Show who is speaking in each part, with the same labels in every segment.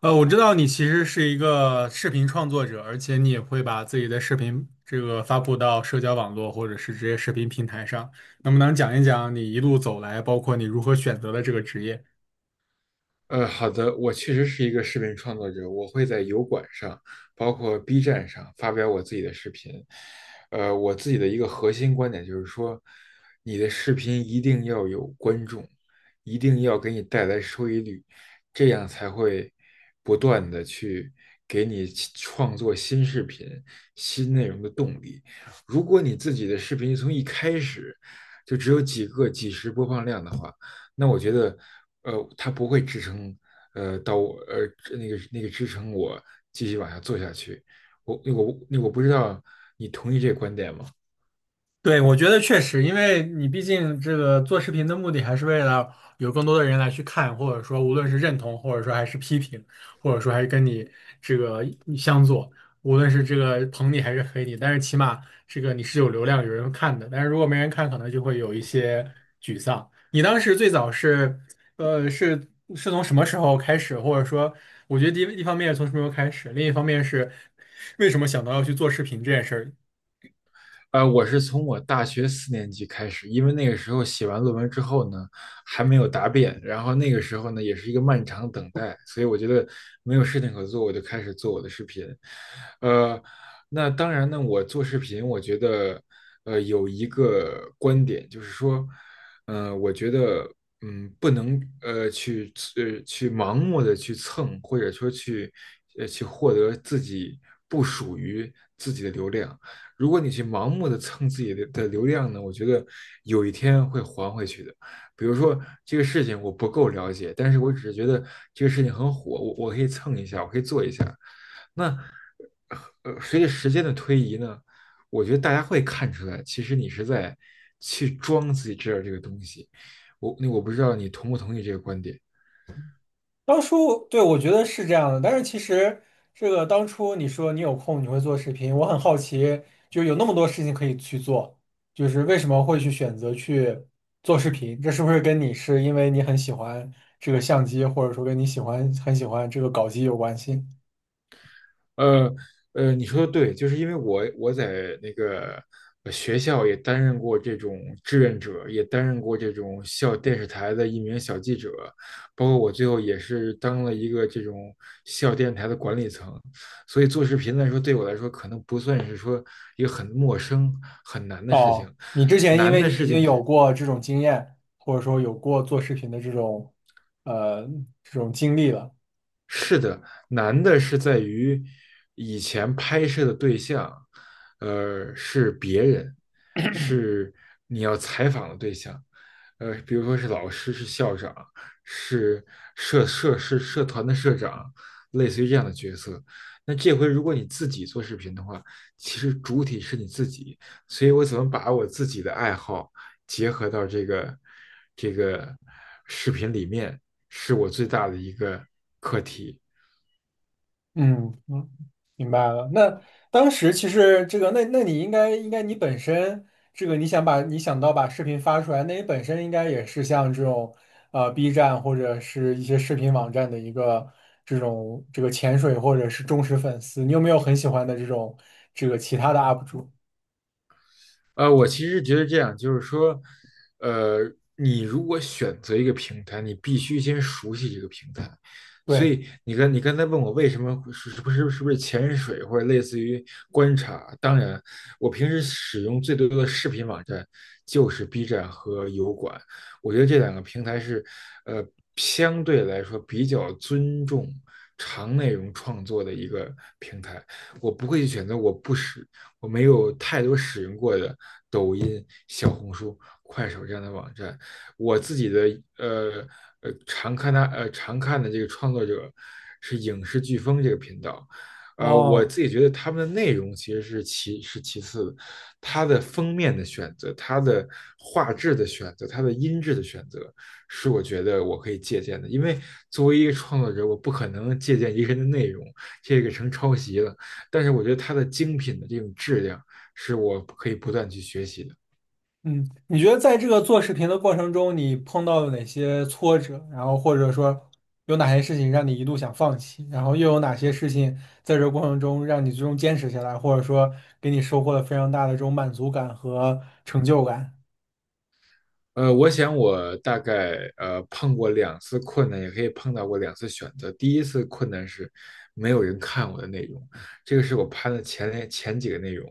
Speaker 1: 我知道你其实是一个视频创作者，而且你也会把自己的视频这个发布到社交网络或者是这些视频平台上。能不能讲一讲你一路走来，包括你如何选择的这个职业？
Speaker 2: 好的，我确实是一个视频创作者，我会在油管上，包括 B 站上发表我自己的视频。我自己的一个核心观点就是说，你的视频一定要有观众，一定要给你带来收益率，这样才会不断的去给你去创作新视频、新内容的动力。如果你自己的视频从一开始就只有几个、几十播放量的话，那我觉得，它不会支撑，呃，到我呃那个那个支撑我继续往下做下去。我不知道你同意这个观点吗？
Speaker 1: 对，我觉得确实，因为你毕竟这个做视频的目的还是为了有更多的人来去看，或者说无论是认同，或者说还是批评，或者说还是跟你这个相左，无论是这个捧你还是黑你，但是起码这个你是有流量，有人看的。但是如果没人看，可能就会有一些沮丧。你当时最早是，呃，是是从什么时候开始，或者说，我觉得第一一方面是从什么时候开始，另一方面是为什么想到要去做视频这件事儿？
Speaker 2: 我是从我大学四年级开始，因为那个时候写完论文之后呢，还没有答辩，然后那个时候呢，也是一个漫长等待，所以我觉得没有事情可做，我就开始做我的视频。呃，那当然呢，我做视频，我觉得，有一个观点就是说，我觉得，不能去盲目的去蹭，或者说去获得自己不属于自己的流量。如果你去盲目的蹭自己的流量呢，我觉得有一天会还回去的。比如说这个事情我不够了解，但是我只是觉得这个事情很火，我可以蹭一下，我可以做一下。那随着时间的推移呢，我觉得大家会看出来，其实你是在去装自己知道这个东西。我不知道你同不同意这个观点。
Speaker 1: 当初对我觉得是这样的，但是其实这个当初你说你有空你会做视频，我很好奇，就有那么多事情可以去做，就是为什么会去选择去做视频？这是不是跟你是因为你很喜欢这个相机，或者说跟你喜欢很喜欢这个搞机有关系？
Speaker 2: 呃你说的对，就是因为我在那个学校也担任过这种志愿者，也担任过这种校电视台的一名小记者，包括我最后也是当了一个这种校电台的管理层，所以做视频来说，对我来说可能不算是说一个很陌生、很难的事
Speaker 1: 哦，
Speaker 2: 情。
Speaker 1: 你之前因
Speaker 2: 难
Speaker 1: 为
Speaker 2: 的
Speaker 1: 你已
Speaker 2: 事
Speaker 1: 经
Speaker 2: 情
Speaker 1: 有
Speaker 2: 是，
Speaker 1: 过这种经验，或者说有过做视频的这种呃这种经历了。
Speaker 2: 是的，难的是在于以前拍摄的对象，是别人，是你要采访的对象，比如说是老师、是校长、是社团的社长，类似于这样的角色。那这回如果你自己做视频的话，其实主体是你自己，所以我怎么把我自己的爱好结合到这个视频里面，是我最大的一个课题。
Speaker 1: 嗯嗯，明白了。那当时其实这个，那你应该你本身这个你想把你想到把视频发出来，那你本身应该也是像这种B 站或者是一些视频网站的一个这种这个潜水或者是忠实粉丝。你有没有很喜欢的这种这个其他的 UP 主？
Speaker 2: 我其实觉得这样，就是说，呃，你如果选择一个平台，你必须先熟悉这个平台。所
Speaker 1: 对，
Speaker 2: 以你刚才问我为什么会是不是潜水或者类似于观察？当然，我平时使用最多的视频网站就是 B 站和油管，我觉得这两个平台是，呃，相对来说比较尊重长内容创作的一个平台。我不会去选择我不使我没有太多使用过的抖音、小红书、快手这样的网站。我自己的呃常看的这个创作者是影视飓风这个频道，我
Speaker 1: 哦。
Speaker 2: 自己觉得他们的内容其实是其次的，它的封面的选择、它的画质的选择、它的音质的选择，是我觉得我可以借鉴的。因为作为一个创作者，我不可能借鉴一个人的内容，这个成抄袭了。但是我觉得它的精品的这种质量是我可以不断去学习的。
Speaker 1: 嗯，你觉得在这个做视频的过程中，你碰到了哪些挫折？然后或者说有哪些事情让你一度想放弃？然后又有哪些事情在这个过程中让你最终坚持下来，或者说给你收获了非常大的这种满足感和成就感？
Speaker 2: 我想我大概碰过两次困难，也可以碰到过两次选择。第一次困难是没有人看我的内容，这个是我拍的前几个内容，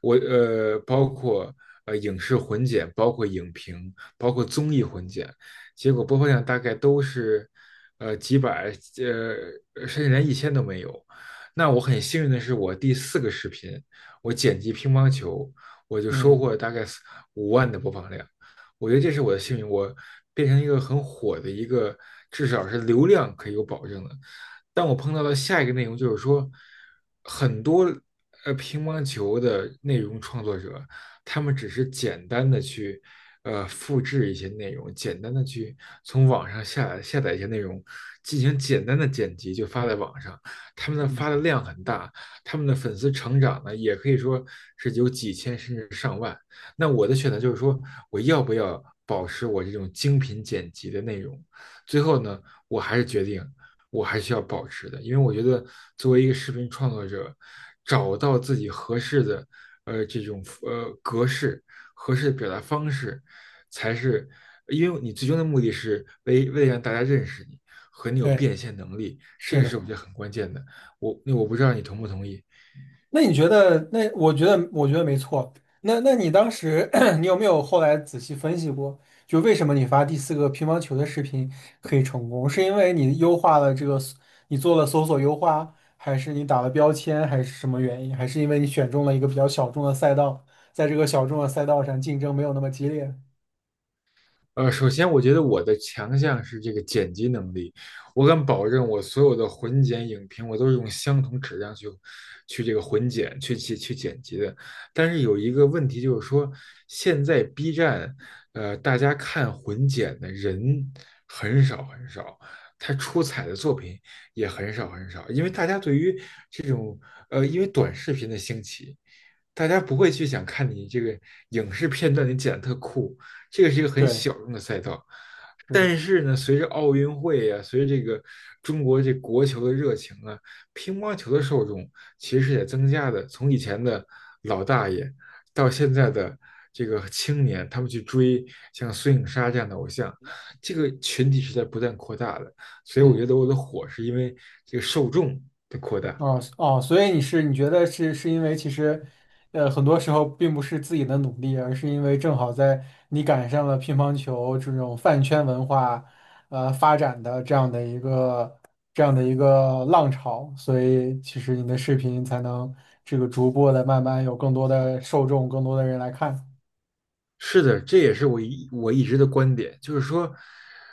Speaker 2: 我包括影视混剪，包括影评，包括综艺混剪，结果播放量大概都是几百甚至连一千都没有。那我很幸运的是，我第四个视频我剪辑乒乓球，我就收
Speaker 1: 嗯，
Speaker 2: 获了大概四五万的播放量。我觉得这是我的幸运，我变成一个很火的一个，至少是流量可以有保证的。但我碰到的下一个内容就是说，很多乒乓球的内容创作者，他们只是简单的去复制一些内容，简单的去从网上下载一些内容，进行简单的剪辑就发在网上，他们的
Speaker 1: 嗯，
Speaker 2: 发的量很大，他们的粉丝成长呢也可以说是有几千甚至上万。那我的选择就是说，我要不要保持我这种精品剪辑的内容？最后呢，我还是决定，我还是要保持的，因为我觉得作为一个视频创作者，找到自己合适的这种格式、合适的表达方式，才是因为你最终的目的是为了让大家认识你和你有
Speaker 1: 对，
Speaker 2: 变现能力，这
Speaker 1: 是
Speaker 2: 个是
Speaker 1: 的。
Speaker 2: 我觉得很关键的。我不知道你同不同意。
Speaker 1: 那你觉得？那我觉得，我觉得没错。那那你当时，你有没有后来仔细分析过，就为什么你发第四个乒乓球的视频可以成功？是因为你优化了这个你做了搜索优化，还是你打了标签，还是什么原因？还是因为你选中了一个比较小众的赛道，在这个小众的赛道上竞争没有那么激烈？
Speaker 2: 首先我觉得我的强项是这个剪辑能力，我敢保证我所有的混剪影评，我都是用相同质量去这个混剪、去剪辑的。但是有一个问题就是说，现在 B 站，大家看混剪的人很少很少，他出彩的作品也很少很少，因为大家对于这种因为短视频的兴起。大家不会去想看你这个影视片段，你剪得特酷，这个是一个很
Speaker 1: 对，
Speaker 2: 小众的赛道。
Speaker 1: 是的，
Speaker 2: 但是呢，随着奥运会啊，随着这个中国这国球的热情啊，乒乓球的受众其实也在增加的。从以前的老大爷到现在的这个青年，他们去追像孙颖莎这样的偶像，这个群体是在不断扩大的。所以我
Speaker 1: 嗯。
Speaker 2: 觉得我的火是因为这个受众的扩大。
Speaker 1: 哦哦，所以你是你觉得是因为其实，呃，很多时候并不是自己的努力，而是因为正好在你赶上了乒乓球这种饭圈文化，呃，发展的这样的一个浪潮，所以其实你的视频才能这个逐步的慢慢有更多的受众，更多的人来看。
Speaker 2: 是的，这也是我一直的观点，就是说，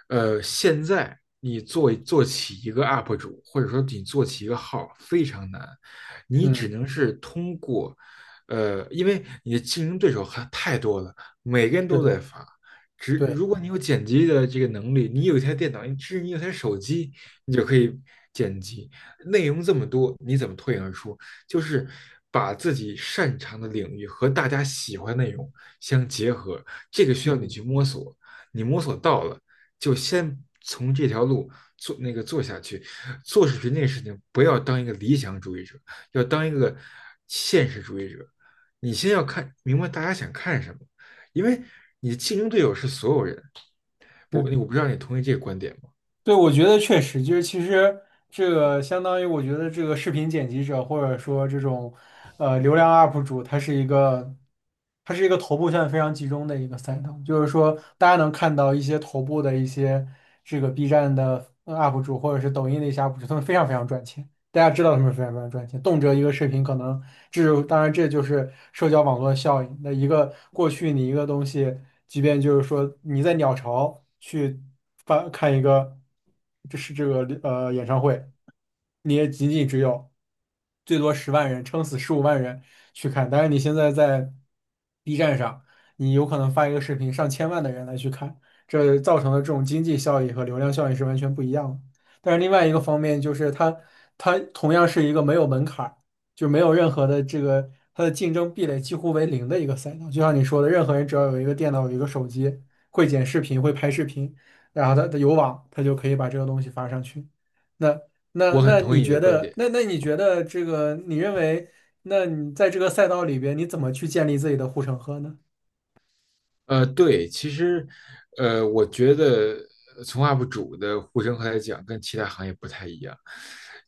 Speaker 2: 现在你做起一个 UP 主，或者说你做起一个号非常难，你只
Speaker 1: 嗯，
Speaker 2: 能是通过，因为你的竞争对手还太多了，每个人
Speaker 1: 是
Speaker 2: 都
Speaker 1: 的，
Speaker 2: 在发。只
Speaker 1: 对，
Speaker 2: 如果你有剪辑的这个能力，你有一台电脑，你甚至你有台手机，你就可以剪辑。内容这么多，你怎么脱颖而出就是把自己擅长的领域和大家喜欢的内容相结合，这个需要你
Speaker 1: 嗯，
Speaker 2: 去摸索，你摸索到了，就先从这条路做那个做下去。做视频这个事情，不要当一个理想主义者，要当一个现实主义者。你先要看明白大家想看什么，因为你的竞争对手是所有人。
Speaker 1: 是
Speaker 2: 我
Speaker 1: 的。
Speaker 2: 我不知道你同意这个观点吗？
Speaker 1: 对，我觉得确实就是，其实这个相当于，我觉得这个视频剪辑者或者说这种流量 UP 主，他是一个它是一个头部现在非常集中的一个赛道，就是说大家能看到一些头部的一些这个 B 站的UP 主或者是抖音的一些 UP 主，他们非常非常赚钱，大家知道他们非常非常赚钱，动辄一个视频可能这当然这就是社交网络效应。那一个过去你一个东西，即便就是说你在鸟巢去发看一个，这是这个演唱会，你也仅仅只有最多10万人，撑死15万人去看。但是你现在在 B 站上，你有可能发一个视频，上千万的人来去看，这造成的这种经济效益和流量效益是完全不一样的。但是另外一个方面就是它，它同样是一个没有门槛。就没有任何的这个它的竞争壁垒几乎为零的一个赛道。就像你说的，任何人只要有一个电脑、有一个手机，会剪视频、会拍视频，然后他有网，他就可以把这个东西发上去。那那
Speaker 2: 我很
Speaker 1: 那
Speaker 2: 同
Speaker 1: 你
Speaker 2: 意你
Speaker 1: 觉
Speaker 2: 的观
Speaker 1: 得，
Speaker 2: 点。
Speaker 1: 那那你觉得这个，你认为，那你在这个赛道里边，你怎么去建立自己的护城河呢？
Speaker 2: 对，其实，我觉得从 UP 主的呼声来讲，跟其他行业不太一样，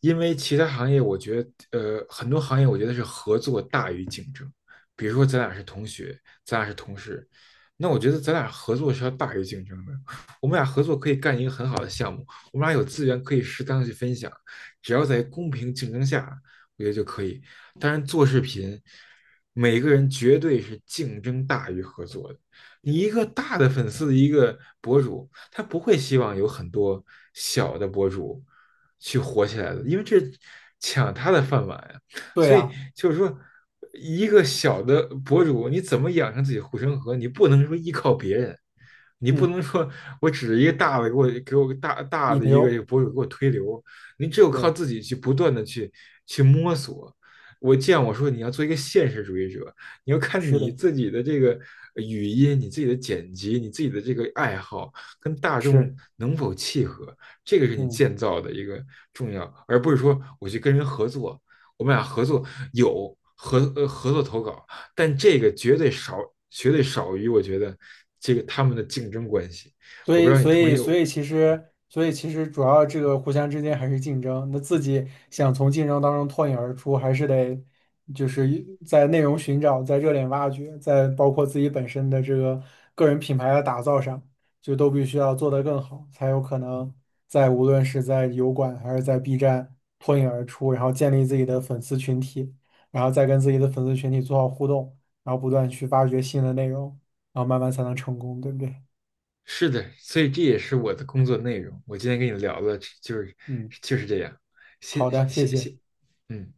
Speaker 2: 因为其他行业，我觉得，很多行业我觉得是合作大于竞争。比如说，咱俩是同学，咱俩是同事，那我觉得咱俩合作是要大于竞争的。我们俩合作可以干一个很好的项目，我们俩有资源可以适当的去分享，只要在公平竞争下，我觉得就可以。当然，做视频，每个人绝对是竞争大于合作的。你一个大的粉丝的一个博主，他不会希望有很多小的博主去火起来的，因为这抢他的饭碗呀。
Speaker 1: 对
Speaker 2: 所以
Speaker 1: 呀，
Speaker 2: 就是说，一个小的博主，你怎么养成自己护城河？你不能说依靠别人，你
Speaker 1: 嗯，
Speaker 2: 不能说我指着一个大的给我大大
Speaker 1: 引
Speaker 2: 的一个
Speaker 1: 流，
Speaker 2: 博主给我推流，你只有靠
Speaker 1: 对，
Speaker 2: 自己去不断的去摸索。我说你要做一个现实主义者，你要看
Speaker 1: 是
Speaker 2: 你
Speaker 1: 的，
Speaker 2: 自己的这个语音、你自己的剪辑、你自己的这个爱好跟大众
Speaker 1: 是，
Speaker 2: 能否契合，这个是你
Speaker 1: 嗯。
Speaker 2: 建造的一个重要，而不是说我去跟人合作，我们俩合作有合作投稿，但这个绝对少，绝对少于我觉得这个他们的竞争关系。
Speaker 1: 所
Speaker 2: 我不知
Speaker 1: 以，
Speaker 2: 道你
Speaker 1: 所
Speaker 2: 同
Speaker 1: 以，
Speaker 2: 意
Speaker 1: 所
Speaker 2: 我。
Speaker 1: 以，其实，所以，其实，主要这个互相之间还是竞争。那自己想从竞争当中脱颖而出，还是得就是一在内容寻找、在热点挖掘、在包括自己本身的这个个人品牌的打造上，就都必须要做得更好，才有可能在无论是在油管还是在 B 站脱颖而出，然后建立自己的粉丝群体，然后再跟自己的粉丝群体做好互动，然后不断去挖掘新的内容，然后慢慢才能成功，对不对？
Speaker 2: 是的，所以这也是我的工作内容。我今天跟你聊的就是
Speaker 1: 嗯。
Speaker 2: 这样。谢
Speaker 1: 好
Speaker 2: 谢
Speaker 1: 的，谢
Speaker 2: 谢
Speaker 1: 谢。
Speaker 2: 谢，嗯。